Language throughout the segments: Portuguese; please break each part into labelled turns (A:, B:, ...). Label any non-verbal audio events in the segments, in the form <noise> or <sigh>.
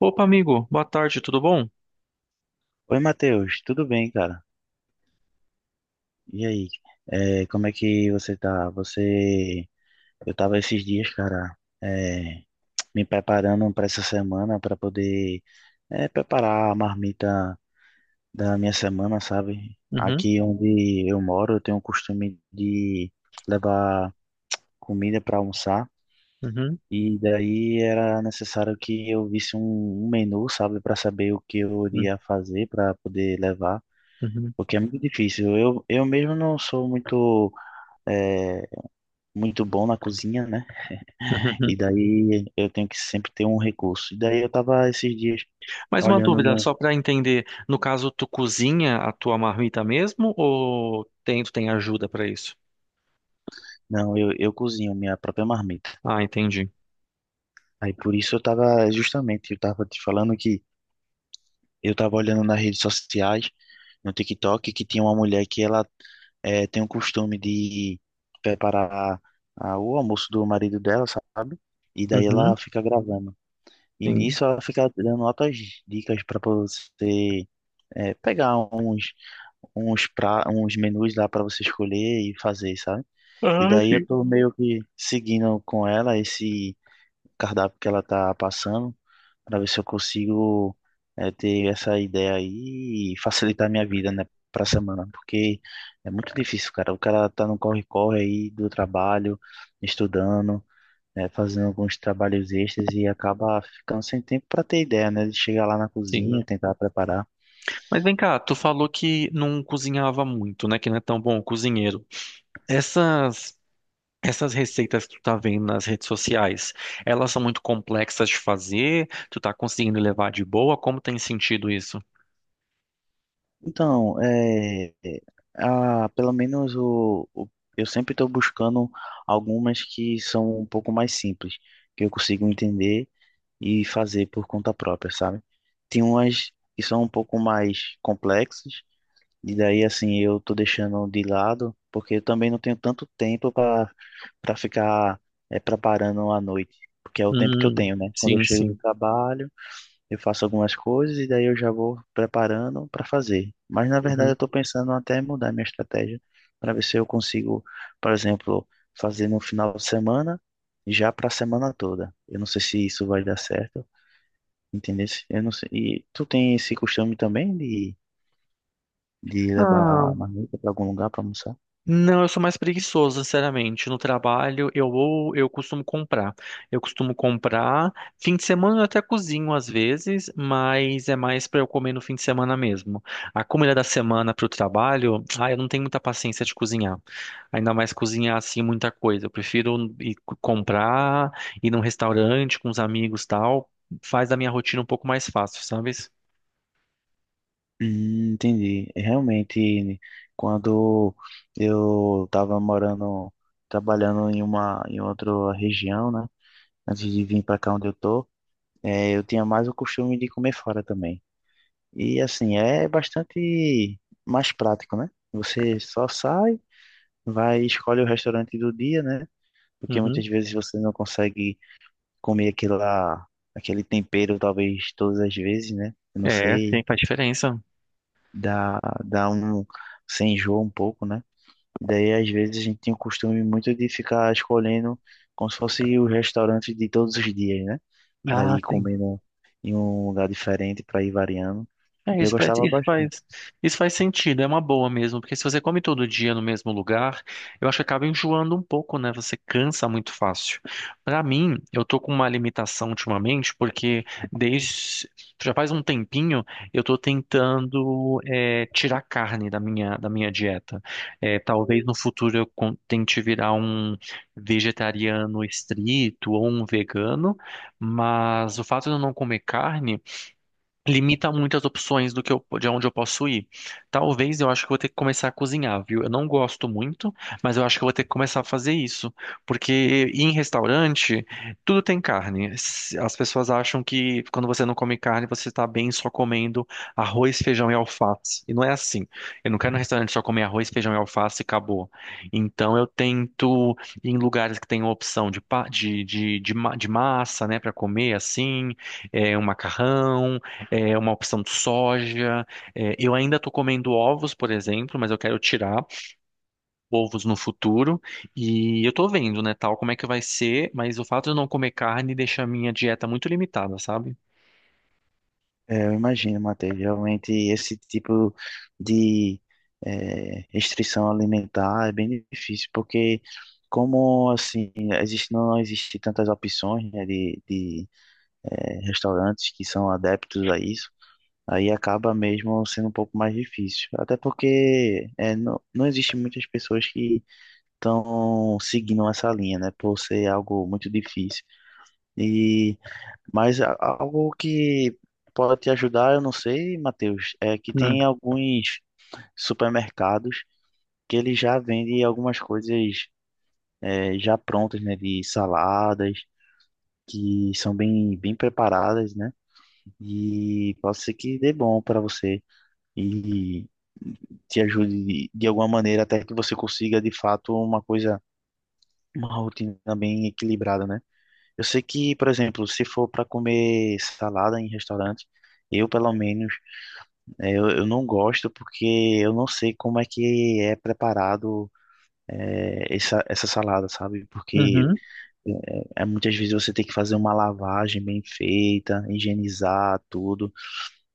A: Opa, amigo, boa tarde, tudo bom?
B: Oi, Matheus, tudo bem, cara? E aí, como é que você tá? Eu tava esses dias, cara, é, me preparando para essa semana para poder preparar a marmita da minha semana, sabe?
A: Uhum,
B: Aqui onde eu moro, eu tenho o costume de levar comida para almoçar
A: uhum,
B: e daí era necessário que eu visse um menu, sabe, para saber o que eu
A: uhum,
B: iria fazer para poder levar.
A: uhum,
B: Porque é muito difícil. Eu mesmo não sou muito, é, muito bom na cozinha, né?
A: uhum.
B: E
A: <laughs>
B: daí eu tenho que sempre ter um recurso. E daí eu tava esses dias
A: Mais uma
B: olhando
A: dúvida,
B: no.
A: só para entender, no caso, tu cozinha a tua marmita mesmo ou tem, tu tem ajuda para isso?
B: Não, eu cozinho minha própria marmita.
A: Ah, entendi.
B: Aí por isso eu tava, justamente, eu tava te falando que eu tava olhando nas redes sociais, no TikTok, que tinha uma mulher que ela tem o costume de preparar o almoço do marido dela, sabe? E daí ela
A: Uhum,
B: fica gravando. E
A: sim.
B: nisso ela fica dando altas dicas para você pegar uns menus lá para você escolher e fazer, sabe? E
A: Ah,
B: daí eu
A: sim.
B: tô meio que seguindo com ela esse cardápio que ela tá passando para ver se eu consigo ter essa ideia aí e facilitar minha vida, né, pra semana, porque é muito difícil, cara. O cara tá no corre-corre aí do trabalho, estudando, né, fazendo alguns trabalhos extras e acaba ficando sem tempo para ter ideia, né, de chegar lá na
A: Sim.
B: cozinha, tentar preparar.
A: Mas vem cá, tu falou que não cozinhava muito, né? Que não é tão bom cozinheiro. Essas essas receitas que tu tá vendo nas redes sociais, elas são muito complexas de fazer? Tu tá conseguindo levar de boa? Como tem sentido isso?
B: Então, pelo menos eu sempre estou buscando algumas que são um pouco mais simples, que eu consigo entender e fazer por conta própria, sabe? Tem umas que são um pouco mais complexas. E daí, assim, eu tô deixando de lado, porque eu também não tenho tanto tempo para ficar preparando à noite, porque é o tempo que eu
A: Hum,
B: tenho, né? Quando eu
A: sim,
B: chego do
A: sim.
B: trabalho, eu faço algumas coisas e daí eu já vou preparando para fazer. Mas, na verdade,
A: Uhum.
B: eu tô pensando até em mudar minha estratégia para ver se eu consigo, por exemplo, fazer no final de semana, já para a semana toda. Eu não sei se isso vai dar certo, entendeu? Eu não sei. E tu tem esse costume também de levar
A: Ah,
B: a marmita para algum lugar para almoçar?
A: não, eu sou mais preguiçoso, sinceramente. No trabalho, eu costumo comprar. Eu costumo comprar. Fim de semana eu até cozinho às vezes, mas é mais para eu comer no fim de semana mesmo. A comida da semana para o trabalho, ah, eu não tenho muita paciência de cozinhar. Ainda mais cozinhar assim muita coisa. Eu prefiro ir co- comprar, ir num restaurante com os amigos, e tal. Faz da minha rotina um pouco mais fácil, sabe?
B: Entendi. Realmente, quando eu estava morando, trabalhando em em outra região, né? Antes de vir para cá onde eu tô, eu tinha mais o costume de comer fora também. E assim, é bastante mais prático, né? Você só sai, vai e escolhe o restaurante do dia, né? Porque
A: Uhum.
B: muitas vezes você não consegue comer aquele tempero, talvez todas as vezes, né? Eu não
A: É, sim,
B: sei.
A: faz diferença.
B: dá, dá um, Você enjoa um pouco, né? Daí, às vezes, a gente tem o costume muito de ficar escolhendo como se fosse os restaurantes de todos os dias, né? Para
A: Ah,
B: ir
A: sim.
B: comendo em um lugar diferente, para ir variando.
A: É,
B: E eu
A: isso faz,
B: gostava
A: isso
B: bastante.
A: faz, isso faz sentido, é uma boa mesmo, porque se você come todo dia no mesmo lugar, eu acho que acaba enjoando um pouco, né? Você cansa muito fácil. Pra mim, eu tô com uma limitação ultimamente, porque desde já faz um tempinho eu tô tentando tirar carne da minha dieta. É, talvez no futuro eu con- tente virar um vegetariano estrito ou um vegano, mas o fato de eu não comer carne limita muito as opções do que de onde eu posso ir. Talvez eu acho que eu vou ter que começar a cozinhar, viu? Eu não gosto muito, mas eu acho que eu vou ter que começar a fazer isso, porque ir em restaurante tudo tem carne. S- As pessoas acham que quando você não come carne, você está bem só comendo arroz, feijão e alface. E não é assim. Eu não quero ir no restaurante só comer arroz, feijão e alface e acabou. Então eu tento ir em lugares que tem opção de, pa- de, ma- de massa, né, para comer assim, um macarrão é uma opção de soja. É, eu ainda estou comendo ovos, por exemplo, mas eu quero tirar ovos no futuro. E eu estou vendo, né, tal, como é que vai ser, mas o fato de eu não comer carne deixa a minha dieta muito limitada, sabe?
B: É, eu imagino, Matheus, realmente esse tipo de restrição alimentar é bem difícil, porque como assim, não existe tantas opções, né, de restaurantes que são adeptos a isso. Aí acaba mesmo sendo um pouco mais difícil. Até porque não, não existe muitas pessoas que estão seguindo essa linha, né? Por ser algo muito difícil. E, mas algo que pode te ajudar, eu não sei, Matheus, é que
A: Hum,
B: tem alguns supermercados que eles já vendem algumas coisas já prontas, né? De saladas, que são bem, bem preparadas, né? E pode ser que dê bom para você. E te ajude de alguma maneira até que você consiga de fato uma coisa, uma rotina bem equilibrada, né? Eu sei que, por exemplo, se for para comer salada em restaurante, eu pelo menos eu não gosto porque eu não sei como é que é preparado, essa salada, sabe? Porque
A: uhum,
B: eh, muitas vezes você tem que fazer uma lavagem bem feita, higienizar tudo.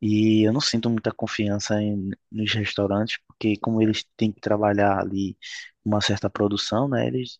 B: E eu não sinto muita confiança nos restaurantes, porque como eles têm que trabalhar ali uma certa produção, né? Eles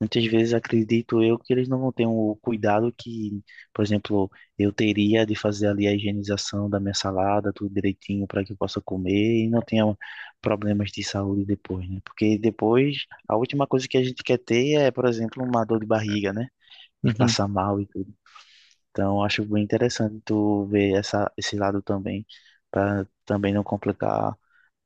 B: muitas vezes acredito eu que eles não vão ter o cuidado que, por exemplo, eu teria de fazer ali a higienização da minha salada, tudo direitinho para que eu possa comer e não tenha problemas de saúde depois, né? Porque depois a última coisa que a gente quer ter é, por exemplo, uma dor de barriga, né? E
A: uhum.
B: passar mal. E então, acho bem interessante tu ver esse lado também, para também não complicar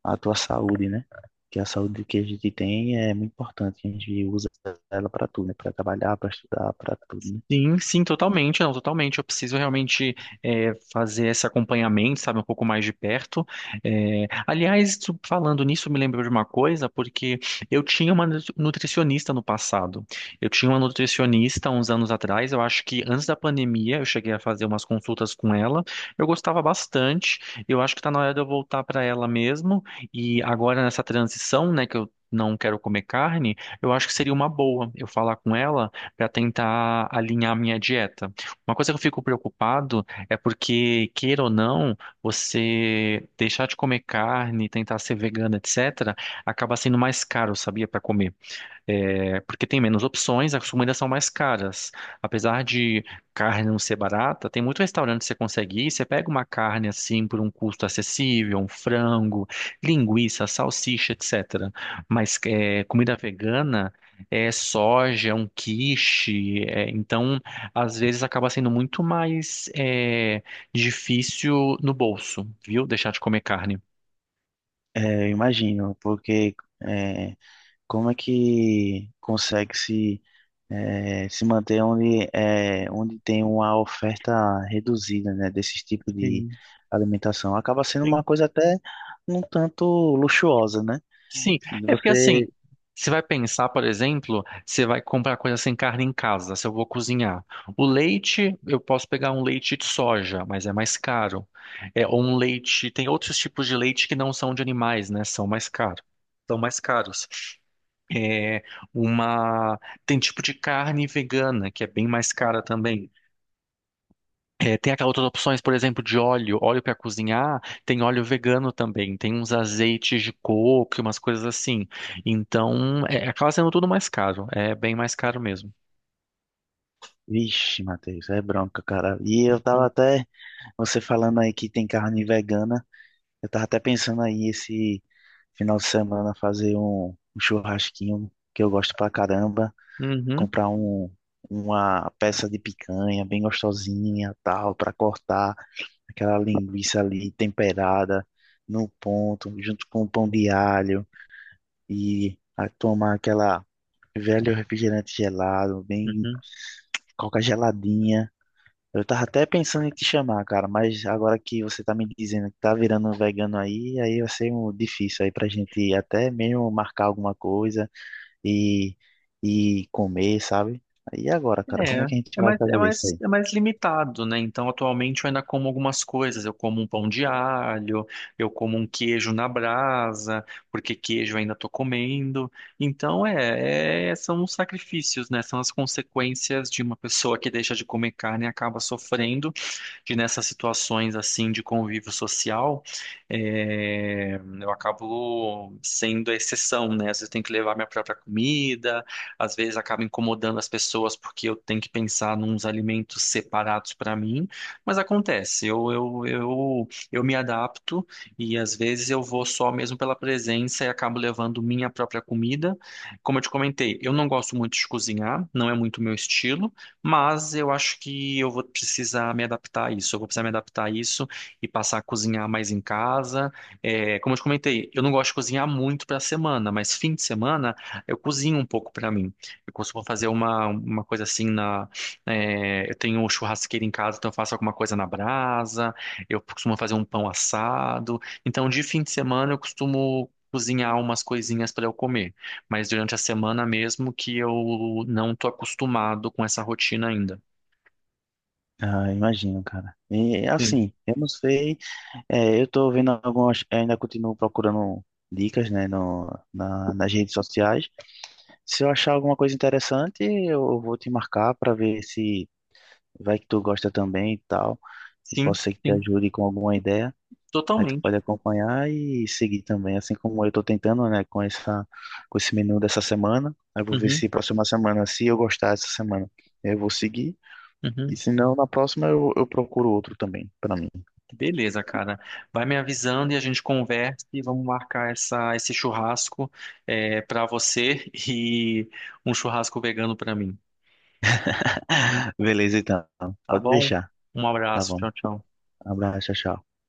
B: a tua saúde, né? Que a saúde que a gente tem é muito importante, a gente usa ela para tudo, né? Para trabalhar, para estudar, para tudo, né?
A: Sim, sim, totalmente, não, totalmente. Eu preciso realmente fazer esse acompanhamento, sabe, um pouco mais de perto. É, aliás, tu- falando nisso, me lembrou de uma coisa, porque eu tinha uma nu- nutricionista no passado. Eu tinha uma nutricionista uns anos atrás, eu acho que antes da pandemia eu cheguei a fazer umas consultas com ela. Eu gostava bastante, eu acho que está na hora de eu voltar para ela mesmo. E agora nessa transição, né, que eu não quero comer carne, eu acho que seria uma boa eu falar com ela para tentar alinhar a minha dieta. Uma coisa que eu fico preocupado é porque, queira ou não, você deixar de comer carne, tentar ser vegana, etc., acaba sendo mais caro, sabia, para comer. É, porque tem menos opções, as comidas são mais caras. Apesar de carne não ser barata, tem muito restaurante que você consegue ir, você pega uma carne assim por um custo acessível, um frango, linguiça, salsicha, etc. Mas é, comida vegana é soja, é um quiche, é, então às vezes acaba sendo muito mais difícil no bolso, viu? Deixar de comer carne.
B: É, eu imagino, porque é, como é que consegue se manter onde, é, onde tem uma oferta reduzida, né? Desses tipos de
A: Sim.
B: alimentação? Acaba sendo uma
A: Sim.
B: coisa até um tanto luxuosa, né?
A: Sim, é porque assim,
B: Você.
A: você vai pensar, por exemplo, você vai comprar coisa sem carne em casa, se eu vou cozinhar. O leite, eu posso pegar um leite de soja, mas é mais caro. É, ou um leite, tem outros tipos de leite que não são de animais, né? São mais caros. São mais caros. É uma, tem tipo de carne vegana, que é bem mais cara também. É, tem aquelas outras opções, por exemplo, de óleo, óleo para cozinhar, tem óleo vegano também, tem uns azeites de coco, e umas coisas assim. Então, é, acaba sendo tudo mais caro, é bem mais caro mesmo.
B: Vixe, Matheus, é bronca, cara. E eu tava até. Você falando aí que tem carne vegana. Eu tava até pensando aí esse final de semana fazer um churrasquinho que eu gosto pra caramba.
A: Uhum,
B: Comprar uma peça de picanha bem gostosinha, tal, pra cortar aquela linguiça ali temperada no ponto, junto com o pão de alho. E tomar aquela velho refrigerante gelado, bem
A: uhum.
B: coca geladinha. Eu tava até pensando em te chamar, cara, mas agora que você tá me dizendo que tá virando um vegano aí, aí vai ser um difícil aí pra gente até mesmo marcar alguma coisa e, e comer, sabe? E agora, cara, como é
A: É,
B: que a gente vai fazer isso aí?
A: é mais limitado, né? Então, atualmente eu ainda como algumas coisas. Eu como um pão de alho, eu como um queijo na brasa, porque queijo eu ainda tô comendo. Então, é, é- são os sacrifícios, né? São as consequências de uma pessoa que deixa de comer carne e acaba sofrendo, que nessas situações, assim, de convívio social, é, eu acabo sendo a exceção, né? Às vezes eu tenho que levar minha própria comida, às vezes acaba incomodando as pessoas porque eu tenho que pensar nos alimentos separados para mim, mas acontece, eu me adapto e às vezes eu vou só mesmo pela presença e acabo levando minha própria comida. Como eu te comentei, eu não gosto muito de cozinhar, não é muito meu estilo, mas eu acho que eu vou precisar me adaptar a isso, eu vou precisar me adaptar a isso e passar a cozinhar mais em casa. É, como eu te comentei, eu não gosto de cozinhar muito para a semana, mas fim de semana eu cozinho um pouco pra mim. Eu costumo fazer uma coisa assim na. É, eu tenho churrasqueira em casa, então eu faço alguma coisa na brasa. Eu costumo fazer um pão assado. Então, de fim de semana, eu costumo cozinhar umas coisinhas para eu comer. Mas durante a semana mesmo que eu não tô acostumado com essa rotina ainda.
B: Ah, imagino, cara. E
A: Sim.
B: assim, eu não sei, é, eu tô vendo algumas, ainda continuo procurando dicas, né, no, na, nas redes sociais. Se eu achar alguma coisa interessante, eu vou te marcar pra ver se vai que tu gosta também e tal. E
A: Sim,
B: posso ser que te
A: sim.
B: ajude com alguma ideia. Aí tu
A: Totalmente.
B: pode acompanhar e seguir também, assim como eu estou tentando, né, com esse menu dessa semana. Aí eu vou ver
A: Uhum,
B: se próxima semana, se eu gostar dessa semana, eu vou seguir. E
A: uhum.
B: se não, na próxima eu procuro outro também, para mim.
A: Beleza, cara. Vai me avisando e a gente conversa e vamos marcar esse churrasco para você <laughs> e um churrasco vegano para mim.
B: <laughs> Beleza, então.
A: Tá
B: Pode
A: bom?
B: deixar.
A: Um
B: Tá
A: abraço.
B: bom.
A: Tchau, tchau.
B: Abraço, tchau, tchau.